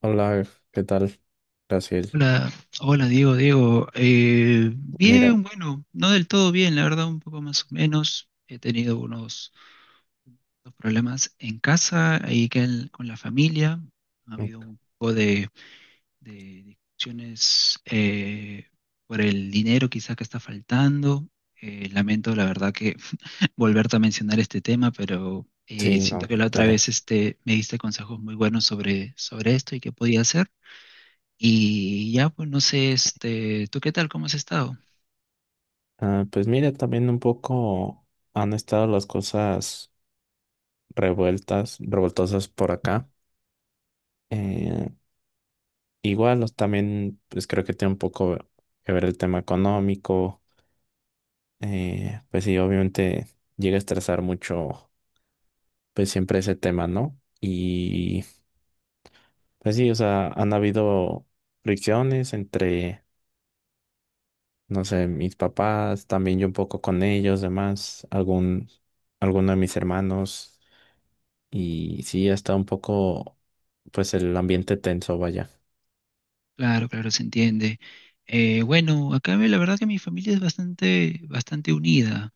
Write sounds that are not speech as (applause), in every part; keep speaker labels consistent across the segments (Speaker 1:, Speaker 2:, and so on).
Speaker 1: Hola, ¿qué tal, Brasil?
Speaker 2: Hola, hola Diego, Diego. Eh,
Speaker 1: Mira,
Speaker 2: bien, bueno, no del todo bien, la verdad, un poco más o menos. He tenido unos problemas en casa, ahí que con la familia. Ha
Speaker 1: mm,
Speaker 2: habido un poco de discusiones por el dinero quizá que está faltando. Lamento, la verdad, que (laughs) volverte a mencionar este tema, pero
Speaker 1: sí,
Speaker 2: siento
Speaker 1: no,
Speaker 2: que la otra
Speaker 1: dale.
Speaker 2: vez este, me diste consejos muy buenos sobre esto y qué podía hacer. Y ya, pues no sé, este, ¿tú qué tal? ¿Cómo has estado?
Speaker 1: Pues mira, también un poco han estado las cosas revueltas, revoltosas por acá. Eh, igual, también, pues creo que tiene un poco que ver el tema económico. Pues sí, obviamente llega a estresar mucho, pues siempre ese tema, ¿no? Y pues sí, o sea, han habido fricciones entre... no sé, mis papás, también yo un poco con ellos, demás, alguno de mis hermanos. Y sí, está un poco, pues el ambiente tenso, vaya.
Speaker 2: Claro, claro, se entiende. Bueno, acá la verdad que mi familia es bastante, bastante unida.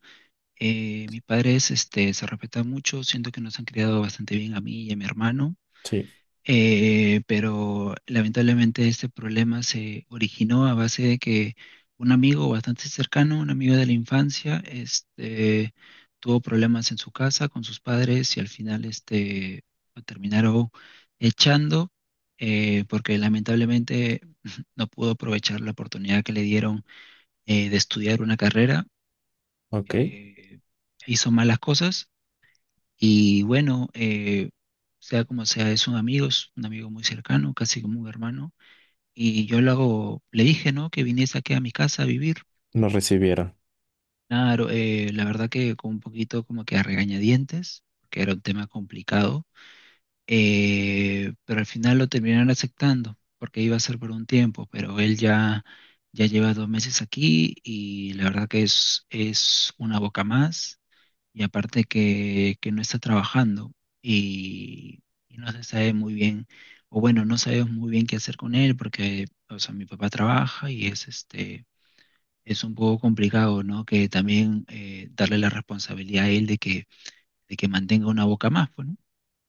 Speaker 2: Mis padres, este, se respetan mucho, siento que nos han criado bastante bien a mí y a mi hermano.
Speaker 1: Sí,
Speaker 2: Pero lamentablemente este problema se originó a base de que un amigo bastante cercano, un amigo de la infancia, este, tuvo problemas en su casa con sus padres y al final este, lo terminaron echando porque lamentablemente (laughs) no pudo aprovechar la oportunidad que le dieron de estudiar una carrera,
Speaker 1: ok,
Speaker 2: eh, hizo malas cosas y bueno, sea como sea, es un amigo muy cercano, casi como un hermano. Y yo lo hago, le dije, ¿no? Que viniese aquí a mi casa a vivir.
Speaker 1: nos recibieron.
Speaker 2: Claro, la verdad que con un poquito como que a regañadientes, porque era un tema complicado. Pero al final lo terminaron aceptando, porque iba a ser por un tiempo, pero él ya lleva 2 meses aquí y la verdad que es una boca más y aparte que no está trabajando y, y no se sabe muy bien, o bueno, no sabemos muy bien qué hacer con él porque, o sea, mi papá trabaja y es este, es un poco complicado, ¿no? Que también darle la responsabilidad a él de que mantenga una boca más, pues, ¿no?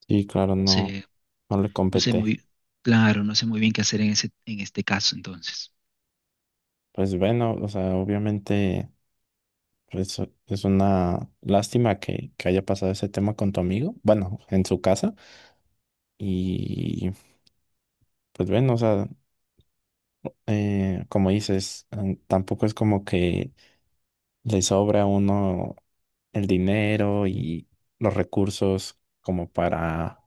Speaker 1: Y claro, no,
Speaker 2: Se-
Speaker 1: no le
Speaker 2: no sé
Speaker 1: competé.
Speaker 2: muy, claro, no sé muy bien qué hacer en ese, en este caso entonces.
Speaker 1: Pues bueno, o sea, obviamente pues, es una lástima que haya pasado ese tema con tu amigo, bueno, en su casa. Y pues bueno, o sea, como dices, tampoco es como que le sobra a uno el dinero y los recursos como para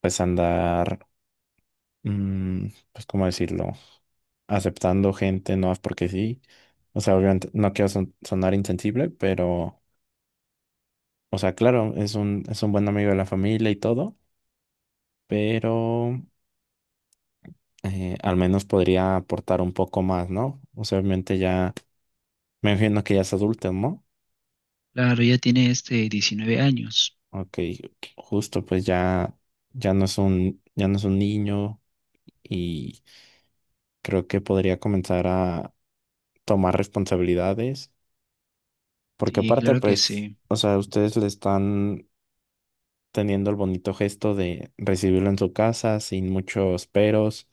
Speaker 1: pues andar, mm, pues cómo decirlo, aceptando gente no es porque sí. O sea, obviamente no quiero sonar insensible, pero, o sea, claro, es un buen amigo de la familia y todo, pero al menos podría aportar un poco más, ¿no? O sea, obviamente ya, me imagino que ya es adulto, ¿no?
Speaker 2: Claro, ya tiene este 19 años.
Speaker 1: Ok, justo, pues ya, ya no es un niño y creo que podría comenzar a tomar responsabilidades, porque
Speaker 2: Sí,
Speaker 1: aparte,
Speaker 2: claro que
Speaker 1: pues,
Speaker 2: sí.
Speaker 1: o sea, ustedes le están teniendo el bonito gesto de recibirlo en su casa sin muchos peros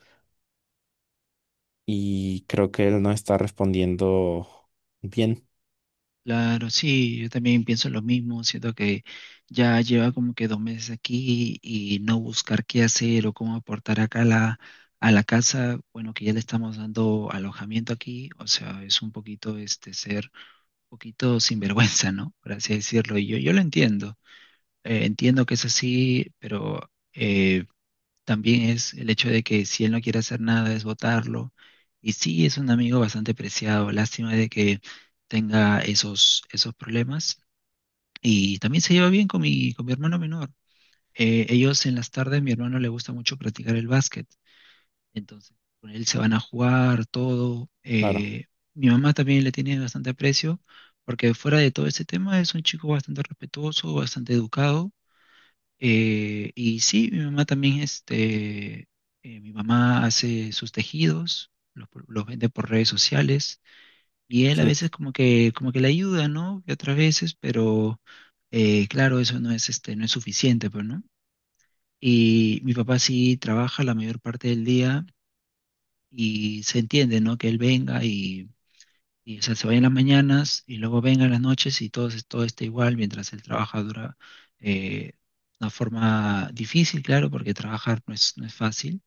Speaker 1: y creo que él no está respondiendo bien,
Speaker 2: Claro, sí, yo también pienso lo mismo, siento que ya lleva como que 2 meses aquí y no buscar qué hacer o cómo aportar acá a la casa, bueno, que ya le estamos dando alojamiento aquí, o sea, es un poquito este ser un poquito sinvergüenza, ¿no? Por así decirlo, y yo lo entiendo, entiendo que es así, pero eh, también es el hecho de que si él no quiere hacer nada es votarlo. Y sí, es un amigo bastante preciado. Lástima de que tenga esos problemas. Y también se lleva bien con mi hermano menor. Ellos en las tardes, mi hermano le gusta mucho practicar el básquet. Entonces, con él se van a jugar todo.
Speaker 1: claro.
Speaker 2: Mi mamá también le tiene bastante aprecio, porque fuera de todo ese tema es un chico bastante respetuoso, bastante educado y sí, mi mamá también, este, mi mamá hace sus tejidos, los vende por redes sociales, y él a
Speaker 1: Sí,
Speaker 2: veces como que le ayuda, ¿no? Y otras veces, pero claro, eso no es, este, no es suficiente, pues, ¿no? Y mi papá sí trabaja la mayor parte del día y se entiende, ¿no? Que él venga y o sea, se vaya en las mañanas y luego venga en las noches y todo, todo está igual mientras él trabaja dura eh, una forma difícil, claro, porque trabajar no es fácil,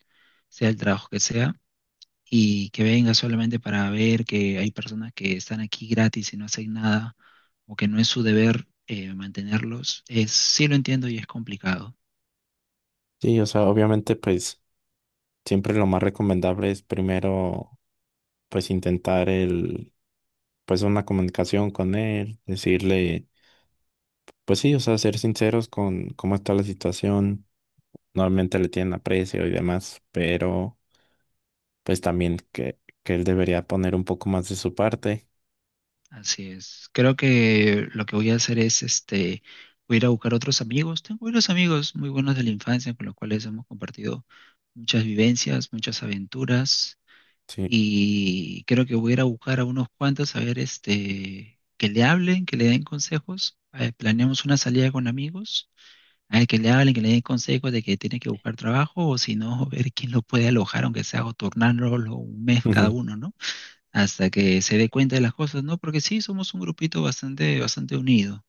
Speaker 2: sea el trabajo que sea, y que venga solamente para ver que hay personas que están aquí gratis y no hacen nada, o que no es su deber mantenerlos, es, sí lo entiendo y es complicado.
Speaker 1: sí, o sea, obviamente, pues, siempre lo más recomendable es primero, pues, intentar pues, una comunicación con él, decirle, pues sí, o sea, ser sinceros con cómo está la situación normalmente le tienen aprecio y demás, pero pues también que él debería poner un poco más de su parte.
Speaker 2: Así es. Creo que lo que voy a hacer es, este, voy a ir a buscar otros amigos. Tengo unos amigos muy buenos de la infancia con los cuales hemos compartido muchas vivencias, muchas aventuras.
Speaker 1: Sí,
Speaker 2: Y creo que voy a ir a buscar a unos cuantos a ver, este, que le hablen, que le den consejos. Planeamos una salida con amigos. A ver, que le hablen, que le den consejos de que tiene que buscar trabajo o si no, (laughs) ver quién lo puede alojar, aunque sea o turnarlo un mes cada
Speaker 1: ujú.
Speaker 2: uno, ¿no? Hasta que se dé cuenta de las cosas, ¿no? Porque sí, somos un grupito bastante, bastante unido.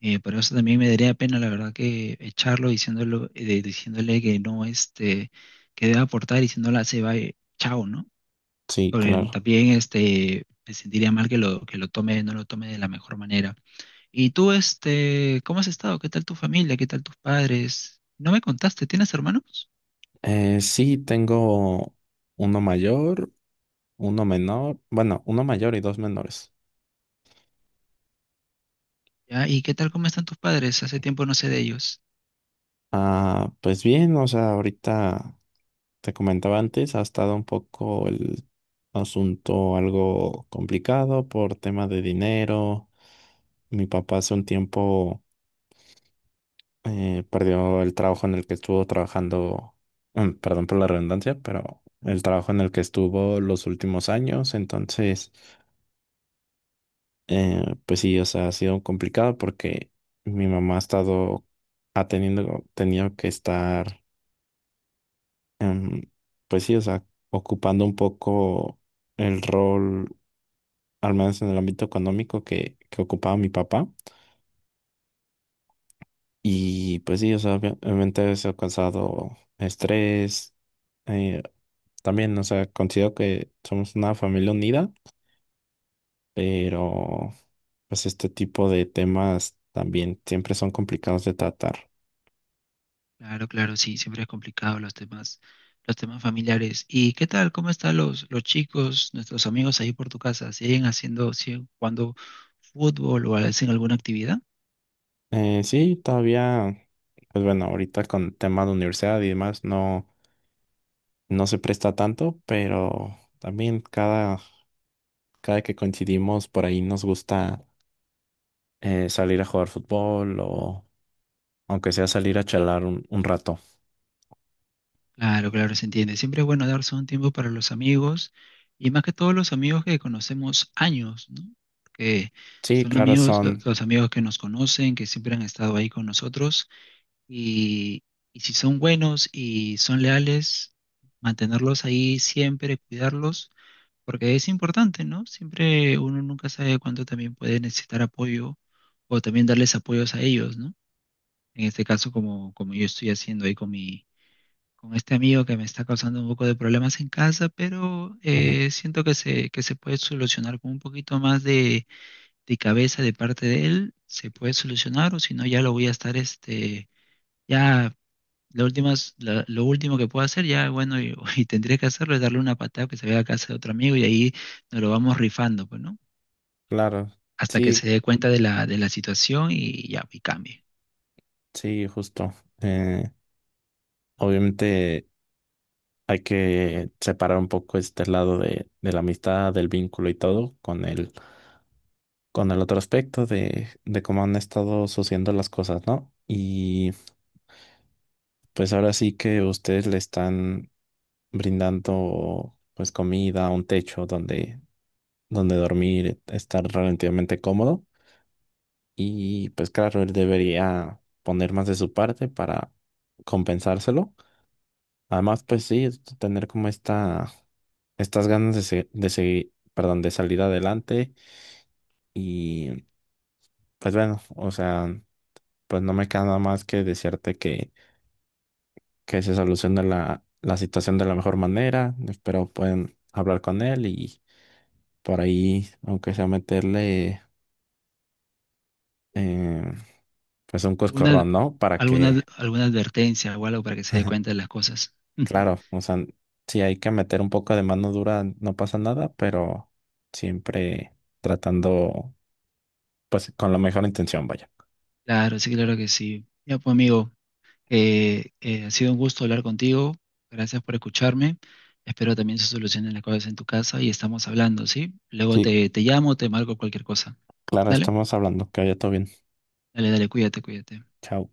Speaker 2: Pero eso también me daría pena, la verdad, que echarlo diciéndolo, diciéndole que no, este, que debe aportar y se va, chao, ¿no?
Speaker 1: Sí,
Speaker 2: Porque
Speaker 1: claro.
Speaker 2: también, este, me sentiría mal que lo tome, no lo tome de la mejor manera. Y tú, este, ¿cómo has estado? ¿Qué tal tu familia? ¿Qué tal tus padres? No me contaste, ¿tienes hermanos?
Speaker 1: Sí, tengo uno mayor, uno menor, bueno, uno mayor y dos menores.
Speaker 2: ¿Ya? ¿Y qué tal, cómo están tus padres? Hace tiempo no sé de ellos.
Speaker 1: Ah, pues bien, o sea, ahorita te comentaba antes, ha estado un poco el asunto algo complicado por tema de dinero. Mi papá hace un tiempo perdió el trabajo en el que estuvo trabajando, perdón por la redundancia, pero el trabajo en el que estuvo los últimos años, entonces, pues sí, o sea, ha sido complicado porque mi mamá ha estado, tenido que estar, em, pues sí, o sea, ocupando un poco el rol, al menos en el ámbito económico que ocupaba mi papá. Y pues sí, o sea, obviamente eso ha causado estrés. eh, también, o sea, considero que somos una familia unida, pero pues este tipo de temas también siempre son complicados de tratar.
Speaker 2: Claro, claro, sí, siempre es complicado los temas familiares. ¿Y qué tal? ¿Cómo están los chicos, nuestros amigos ahí por tu casa? ¿Siguen jugando fútbol o hacen alguna actividad?
Speaker 1: Sí, todavía, pues bueno, ahorita con el tema de universidad y demás no se presta tanto, pero también cada que coincidimos por ahí nos gusta salir a jugar fútbol o aunque sea salir a chalar un rato.
Speaker 2: Claro, claro, se entiende. Siempre es bueno darse un tiempo para los amigos y más que todos los amigos que conocemos años, ¿no? Que
Speaker 1: Sí,
Speaker 2: son
Speaker 1: claro,
Speaker 2: amigos, lo-
Speaker 1: son,
Speaker 2: los amigos que nos conocen, que siempre han estado ahí con nosotros y, y si son buenos y son leales, mantenerlos ahí siempre, cuidarlos porque es importante, ¿no? Siempre uno nunca sabe cuánto también puede necesitar apoyo o también darles apoyos a ellos, ¿no? En este caso, como, como yo estoy haciendo ahí con mi, con este amigo que me está causando un poco de problemas en casa, pero
Speaker 1: ujú,
Speaker 2: siento que que se puede solucionar con un poquito más de cabeza de parte de él, se puede solucionar, o si no, ya lo voy a estar este. Ya lo último que puedo hacer ya, bueno, y, (laughs) y tendría que hacerlo es darle una patada que se vaya a casa de otro amigo y ahí nos lo vamos rifando, pues, ¿no?
Speaker 1: claro,
Speaker 2: Hasta que
Speaker 1: sí,
Speaker 2: se dé cuenta de la situación y ya, y cambie.
Speaker 1: sí, justo. Eh, obviamente hay que separar un poco este lado de la amistad, del vínculo y todo con el otro aspecto de cómo han estado sucediendo las cosas, ¿no? Y pues ahora sí que ustedes le están brindando pues comida, un techo donde dormir, estar relativamente cómodo. Y pues claro, él debería poner más de su parte para compensárselo. Además, pues sí, es tener como estas ganas de, de seguir, perdón, de salir adelante. Y pues bueno, o sea, pues no me queda nada más que desearte que se solucione la situación de la mejor manera. Espero puedan hablar con él y por ahí, aunque sea meterle eh, pues un
Speaker 2: ¿Alguna,
Speaker 1: coscorrón, ¿no? Para
Speaker 2: alguna,
Speaker 1: que
Speaker 2: alguna advertencia o algo para que se dé cuenta
Speaker 1: (laughs)
Speaker 2: de las cosas? (laughs)
Speaker 1: Claro, o sea, si hay que meter un poco de mano dura, no pasa nada, pero siempre tratando, pues, con la mejor intención, vaya.
Speaker 2: Claro, sí, claro que sí. Ya, pues, amigo, ha sido un gusto hablar contigo. Gracias por escucharme. Espero también se solucionen las cosas en tu casa y estamos hablando, ¿sí? Luego
Speaker 1: Sí,
Speaker 2: te llamo, te marco cualquier cosa.
Speaker 1: claro,
Speaker 2: Dale.
Speaker 1: estamos hablando. Que vaya todo bien.
Speaker 2: Dale, dale, cuídate, cuídate.
Speaker 1: Chao.